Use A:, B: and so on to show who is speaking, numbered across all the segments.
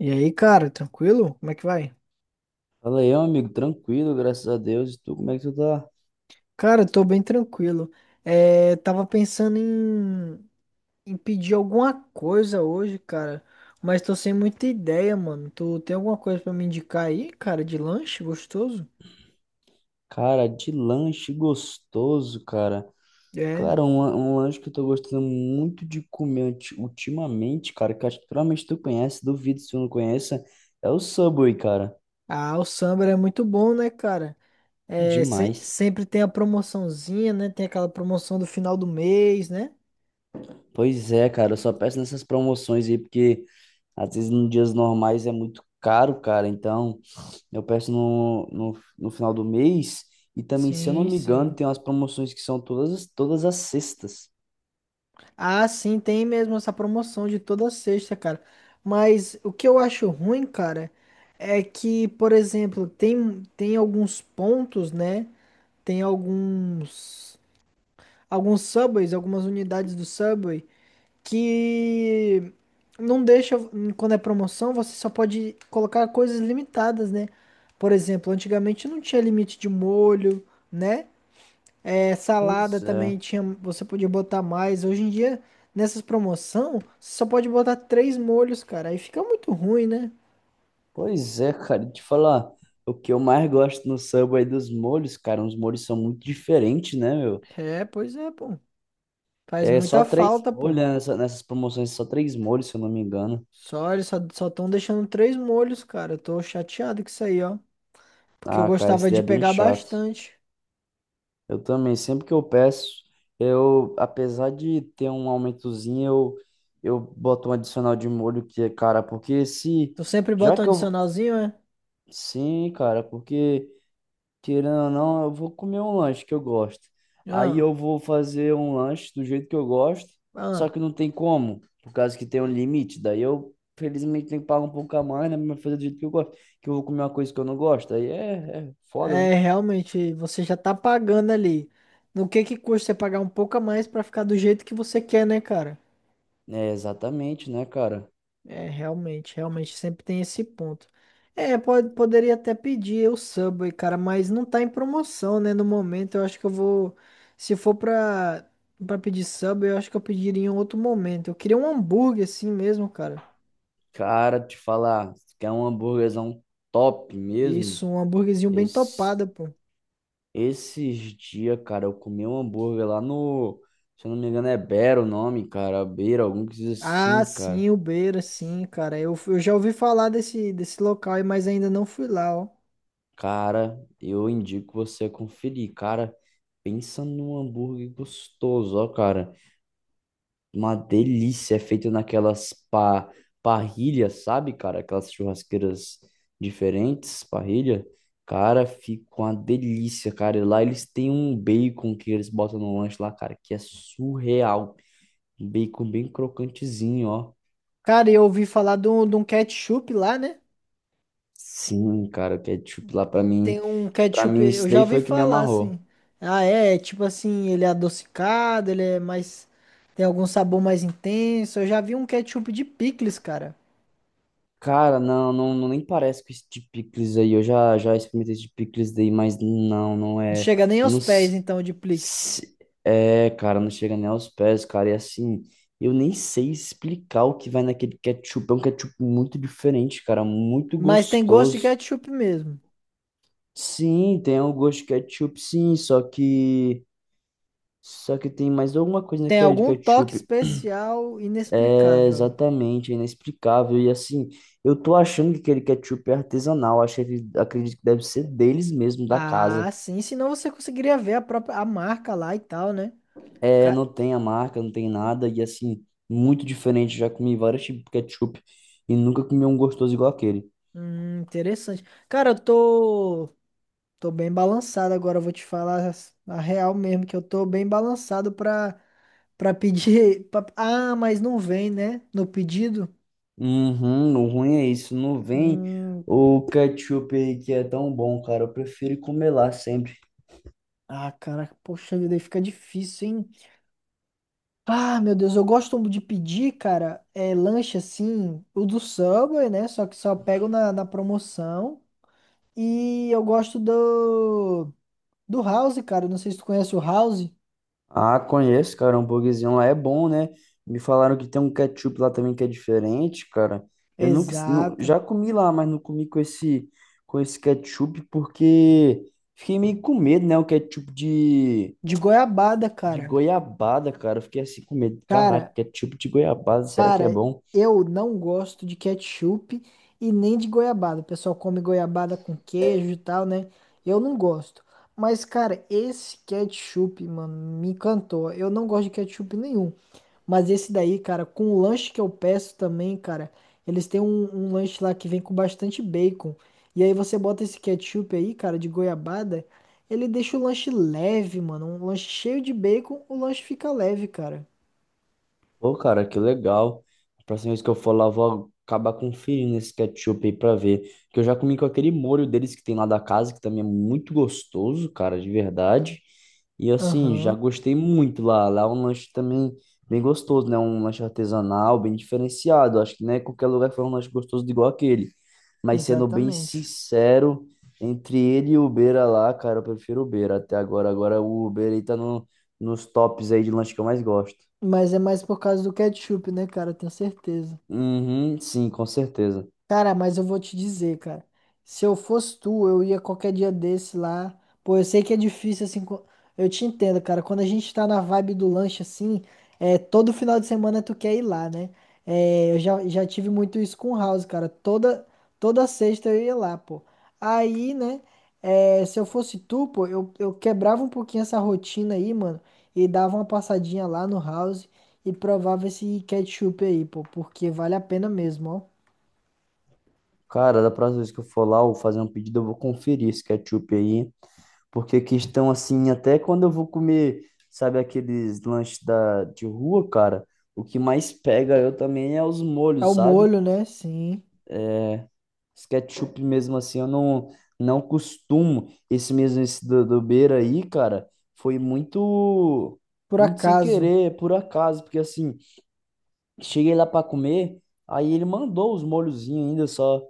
A: E aí, cara, tranquilo? Como é que vai?
B: Fala aí, meu amigo, tranquilo, graças a Deus. E tu, como é que tu tá?
A: Cara, eu tô bem tranquilo. É, tava pensando em, em pedir alguma coisa hoje, cara, mas tô sem muita ideia, mano. Tu tem alguma coisa pra me indicar aí, cara, de lanche gostoso?
B: Cara, de lanche gostoso, cara.
A: É.
B: Cara, um lanche que eu tô gostando muito de comer ultimamente, cara, que eu acho que provavelmente tu conhece, duvido se tu não conheça, é o Subway, cara.
A: Ah, o Samba é muito bom, né, cara? É,
B: Demais.
A: sempre tem a promoçãozinha, né? Tem aquela promoção do final do mês, né?
B: Pois é, cara, eu só peço nessas promoções aí, porque às vezes nos dias normais é muito caro, cara. Então, eu peço no final do mês. E também, se eu não
A: Sim,
B: me engano,
A: sim.
B: tem umas promoções que são todas as sextas.
A: Ah, sim, tem mesmo essa promoção de toda sexta, cara. Mas o que eu acho ruim, cara, é que, por exemplo, tem alguns pontos, né? Tem alguns, alguns subways, algumas unidades do subway que não deixa, quando é promoção, você só pode colocar coisas limitadas, né? Por exemplo, antigamente não tinha limite de molho, né? É, salada
B: Pois é,
A: também tinha, você podia botar mais. Hoje em dia, nessas promoção, você só pode botar três molhos, cara. Aí fica muito ruim, né?
B: pois é, cara, e te falar, o que eu mais gosto no Subway é dos molhos, cara, os molhos são muito diferentes, né, meu?
A: É, pois é, pô. Faz
B: É só
A: muita
B: três
A: falta,
B: molhos,
A: pô.
B: né, nessas promoções, só três molhos, se eu não me engano.
A: Só, eles só estão deixando três molhos, cara. Eu tô chateado com isso aí, ó. Porque eu
B: Ah, cara, esse
A: gostava
B: daí
A: de
B: é bem
A: pegar
B: chato.
A: bastante.
B: Eu também, sempre que eu peço, eu, apesar de ter um aumentozinho, eu boto um adicional de molho que é, cara, porque se,
A: Tu sempre
B: já
A: bota um
B: que eu,
A: adicionalzinho, é?
B: sim, cara, porque... Querendo ou não, eu vou comer um lanche que eu gosto. Aí
A: Ah,
B: eu vou fazer um lanche do jeito que eu gosto, só
A: ah.
B: que não tem como, por causa que tem um limite. Daí eu, felizmente, tenho que pagar um pouco a mais, né? Mas fazer do jeito que eu gosto, que eu vou comer uma coisa que eu não gosto. Aí é foda,
A: É, realmente, você já tá pagando ali. No que custa você pagar um pouco a mais pra ficar do jeito que você quer, né, cara?
B: né? É, exatamente, né, cara?
A: É, realmente, realmente sempre tem esse ponto. É, pode, poderia até pedir o Subway, cara, mas não tá em promoção, né? No momento, eu acho que eu vou. Se for pra, pra pedir Subway, eu acho que eu pediria em outro momento. Eu queria um hambúrguer assim mesmo, cara.
B: Cara, te falar, se quer um hambúrguerzão top mesmo?
A: Isso, um hambúrguerzinho bem
B: Esse,
A: topado, pô.
B: esses dias, cara, eu comi um hambúrguer lá no. Se eu não me engano, é Beira o nome, cara. Beira, algum que diz
A: Ah,
B: assim,
A: sim,
B: cara.
A: o Beira, sim, cara. Eu já ouvi falar desse, desse local, aí, mas ainda não fui lá, ó.
B: Cara, eu indico você conferir, cara. Pensa num hambúrguer gostoso, ó, cara. Uma delícia, é feito naquelas pa parrilhas, sabe, cara? Aquelas churrasqueiras diferentes, parrilha. Cara, fica uma delícia, cara. E lá eles têm um bacon que eles botam no lanche lá, cara, que é surreal. Um bacon bem crocantezinho, ó.
A: Cara, eu ouvi falar de um ketchup lá, né?
B: Sim, cara, o ketchup lá
A: Tem um
B: pra
A: ketchup,
B: mim
A: eu
B: isso
A: já
B: daí
A: ouvi
B: foi o que me
A: falar assim.
B: amarrou.
A: Ah, é, é tipo assim, ele é adocicado, ele é mais. Tem algum sabor mais intenso. Eu já vi um ketchup de picles, cara.
B: Cara, não nem parece com esse de picles aí. Já experimentei esse de picles daí, mas não
A: Não
B: é.
A: chega nem
B: Eu
A: aos
B: não.
A: pés, então, de picles.
B: Se- É, cara, não chega nem aos pés, cara. E assim, eu nem sei explicar o que vai naquele ketchup. É um ketchup muito diferente, cara, muito
A: Mas tem gosto de
B: gostoso.
A: ketchup mesmo.
B: Sim, tem um gosto de ketchup, sim, só que. Só que tem mais alguma coisa
A: Tem
B: naquele de
A: algum toque
B: ketchup.
A: especial
B: É
A: inexplicável.
B: exatamente, é inexplicável. E assim, eu tô achando que aquele ketchup é artesanal, acho que, acredito que deve ser deles mesmo, da
A: Ah,
B: casa.
A: sim, senão você conseguiria ver a própria a marca lá e tal, né?
B: É,
A: Ca-
B: não tem a marca, não tem nada, e assim, muito diferente. Já comi vários tipos de ketchup e nunca comi um gostoso igual aquele.
A: Interessante. Cara, eu tô tô bem balançado agora, eu vou te falar a real mesmo, que eu tô bem balançado pra, pra pedir. Ah, mas não vem, né? No pedido.
B: Uhum, o ruim é isso, não vem
A: Hum,
B: o ketchup aí que é tão bom, cara. Eu prefiro comer lá sempre.
A: ah, cara, poxa vida, aí fica difícil, hein? Ah, meu Deus, eu gosto de pedir, cara, é, lanche assim, o do Subway, né? Só que só pego na, na promoção. E eu gosto do, do House, cara. Não sei se tu conhece o House.
B: Ah, conheço, cara. O hambúrguerzinho lá é bom, né? Me falaram que tem um ketchup lá também que é diferente, cara. Eu nunca, nu-
A: Exato.
B: já comi lá, mas não comi com esse ketchup porque fiquei meio com medo, né? O ketchup
A: De goiabada,
B: de
A: cara.
B: goiabada, cara. Eu fiquei assim com medo. Caraca,
A: Cara,
B: ketchup de goiabada, será que é
A: Cara,
B: bom?
A: eu não gosto de ketchup e nem de goiabada. O pessoal come goiabada com queijo e tal, né? Eu não gosto. Mas, cara, esse ketchup, mano, me encantou. Eu não gosto de ketchup nenhum. Mas esse daí, cara, com o lanche que eu peço também, cara, eles têm um, um lanche lá que vem com bastante bacon. E aí você bota esse ketchup aí, cara, de goiabada, ele deixa o lanche leve, mano. Um lanche cheio de bacon, o lanche fica leve, cara.
B: Pô, cara, que legal. A próxima vez que eu for lá, eu vou acabar conferindo esse ketchup aí pra ver. Que eu já comi com aquele molho deles que tem lá da casa, que também é muito gostoso, cara, de verdade. E assim, já
A: Aham,
B: gostei muito lá. Lá é um lanche também bem gostoso, né? Um lanche artesanal, bem diferenciado. Acho que não é qualquer lugar que faz um lanche gostoso igual aquele. Mas sendo bem
A: exatamente.
B: sincero, entre ele e o Beira lá, cara, eu prefiro o Beira até agora. Agora o Beira aí tá no, nos tops aí de lanche que eu mais gosto.
A: Mas é mais por causa do ketchup, né, cara? Tenho certeza.
B: Uhum, sim, com certeza.
A: Cara, mas eu vou te dizer, cara. Se eu fosse tu, eu ia qualquer dia desse lá. Pô, eu sei que é difícil, assim. Eu te entendo, cara. Quando a gente tá na vibe do lanche, assim, é, todo final de semana tu quer ir lá, né? É, eu já, já tive muito isso com o House, cara. Toda, toda sexta eu ia lá, pô. Aí, né? É, se eu fosse tu, pô, eu quebrava um pouquinho essa rotina aí, mano. E dava uma passadinha lá no House e provava esse ketchup aí, pô. Porque vale a pena mesmo, ó.
B: Cara, da próxima vez que eu for lá, eu vou fazer um pedido, eu vou conferir esse ketchup aí, porque questão assim, até quando eu vou comer, sabe, aqueles lanches de rua, cara, o que mais pega eu também é os
A: É o
B: molhos, sabe?
A: molho, né? Sim.
B: Esse ketchup mesmo assim, eu não, não costumo. Esse mesmo, esse do Beira aí, cara, foi
A: Por
B: muito sem
A: acaso.
B: querer, por acaso, porque assim, cheguei lá pra comer, aí ele mandou os molhozinhos ainda só.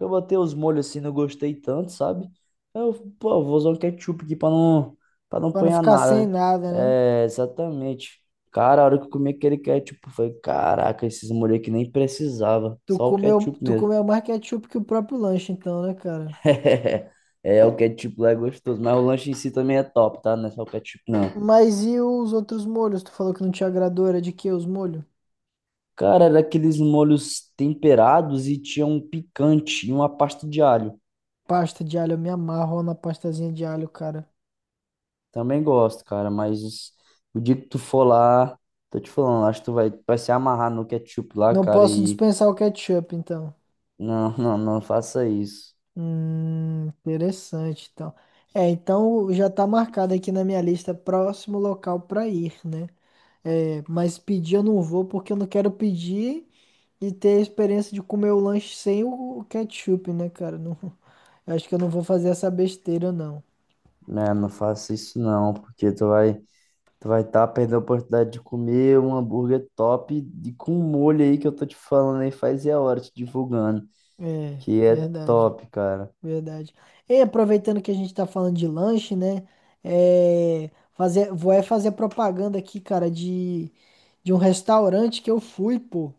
B: Eu botei os molhos assim, não gostei tanto, sabe? Eu, pô, vou usar um ketchup aqui pra pra não
A: Pra não
B: apanhar
A: ficar sem
B: nada, né?
A: nada, né?
B: É, exatamente. Cara, a hora que eu comi aquele ketchup, foi caraca, esses molhos aqui nem precisava,
A: Tu
B: só o
A: comeu,
B: ketchup
A: tu
B: mesmo.
A: comeu mais ketchup que o próprio lanche, então, né, cara?
B: É, o ketchup lá é gostoso, mas o lanche em si também é top, tá? Não é só o ketchup, não.
A: Mas e os outros molhos? Tu falou que não te agradou, era de que os molhos?
B: Cara, era aqueles molhos temperados e tinha um picante e uma pasta de alho.
A: Pasta de alho, eu me amarro na pastazinha de alho, cara.
B: Também gosto, cara, mas o dia que tu for lá, tô te falando, acho que vai se amarrar no ketchup lá,
A: Não
B: cara,
A: posso
B: e
A: dispensar o ketchup, então.
B: não, não faça isso,
A: Interessante, então. É, então já tá marcado aqui na minha lista, próximo local pra ir, né? É, mas pedir eu não vou porque eu não quero pedir e ter a experiência de comer o lanche sem o ketchup, né, cara? Não, eu acho que eu não vou fazer essa besteira, não.
B: né? Não faça isso não, porque tu vai tá perdendo a oportunidade de comer um hambúrguer top e com um molho aí que eu tô te falando aí faz e a hora te divulgando,
A: É,
B: que é
A: verdade,
B: top, cara.
A: verdade. E aproveitando que a gente tá falando de lanche, né? É, fazer, vou é fazer propaganda aqui, cara, de um restaurante que eu fui, pô,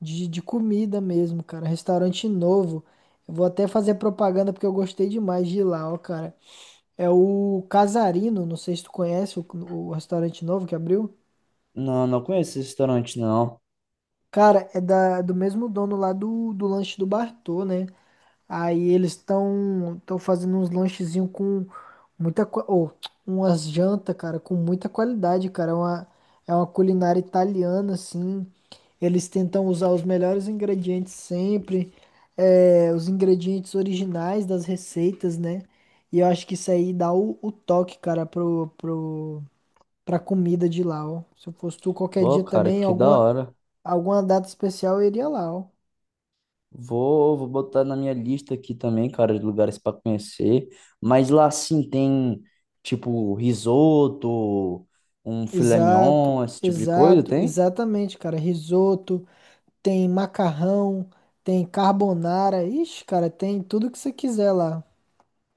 A: de comida mesmo, cara. Restaurante novo. Eu vou até fazer propaganda porque eu gostei demais de ir lá, ó, cara. É o Casarino, não sei se tu conhece o restaurante novo que abriu.
B: Não, não conheço esse restaurante não.
A: Cara, é da, do mesmo dono lá do, do lanche do Bartô, né? Aí eles estão fazendo uns lanchezinhos com muita ou umas jantas, cara, com muita qualidade, cara. É uma culinária italiana, assim. Eles tentam usar os melhores ingredientes sempre, é, os ingredientes originais das receitas, né? E eu acho que isso aí dá o toque, cara, pro, pro, pra comida de lá, ó. Se eu fosse tu qualquer
B: Pô,
A: dia
B: cara,
A: também,
B: que da
A: alguma,
B: hora.
A: alguma data especial eu iria lá, ó.
B: Vou botar na minha lista aqui também, cara, de lugares para conhecer. Mas lá sim tem, tipo, risoto, um filé
A: Exato,
B: mignon, esse tipo de coisa,
A: exato,
B: tem?
A: exatamente, cara. Risoto, tem macarrão, tem carbonara. Ixi, cara, tem tudo que você quiser lá.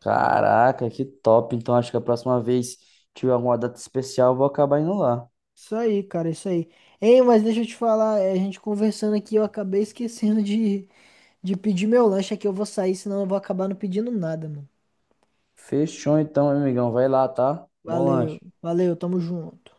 B: Caraca, que top. Então acho que a próxima vez tiver alguma data especial, eu vou acabar indo lá.
A: Isso aí, cara, isso aí. Ei, mas deixa eu te falar, é, a gente conversando aqui, eu acabei esquecendo de pedir meu lanche aqui. Eu vou sair, senão eu vou acabar não pedindo nada, mano.
B: Fechou então, meu amigão. Vai lá, tá? Bom
A: Valeu,
B: lanche.
A: valeu, tamo junto.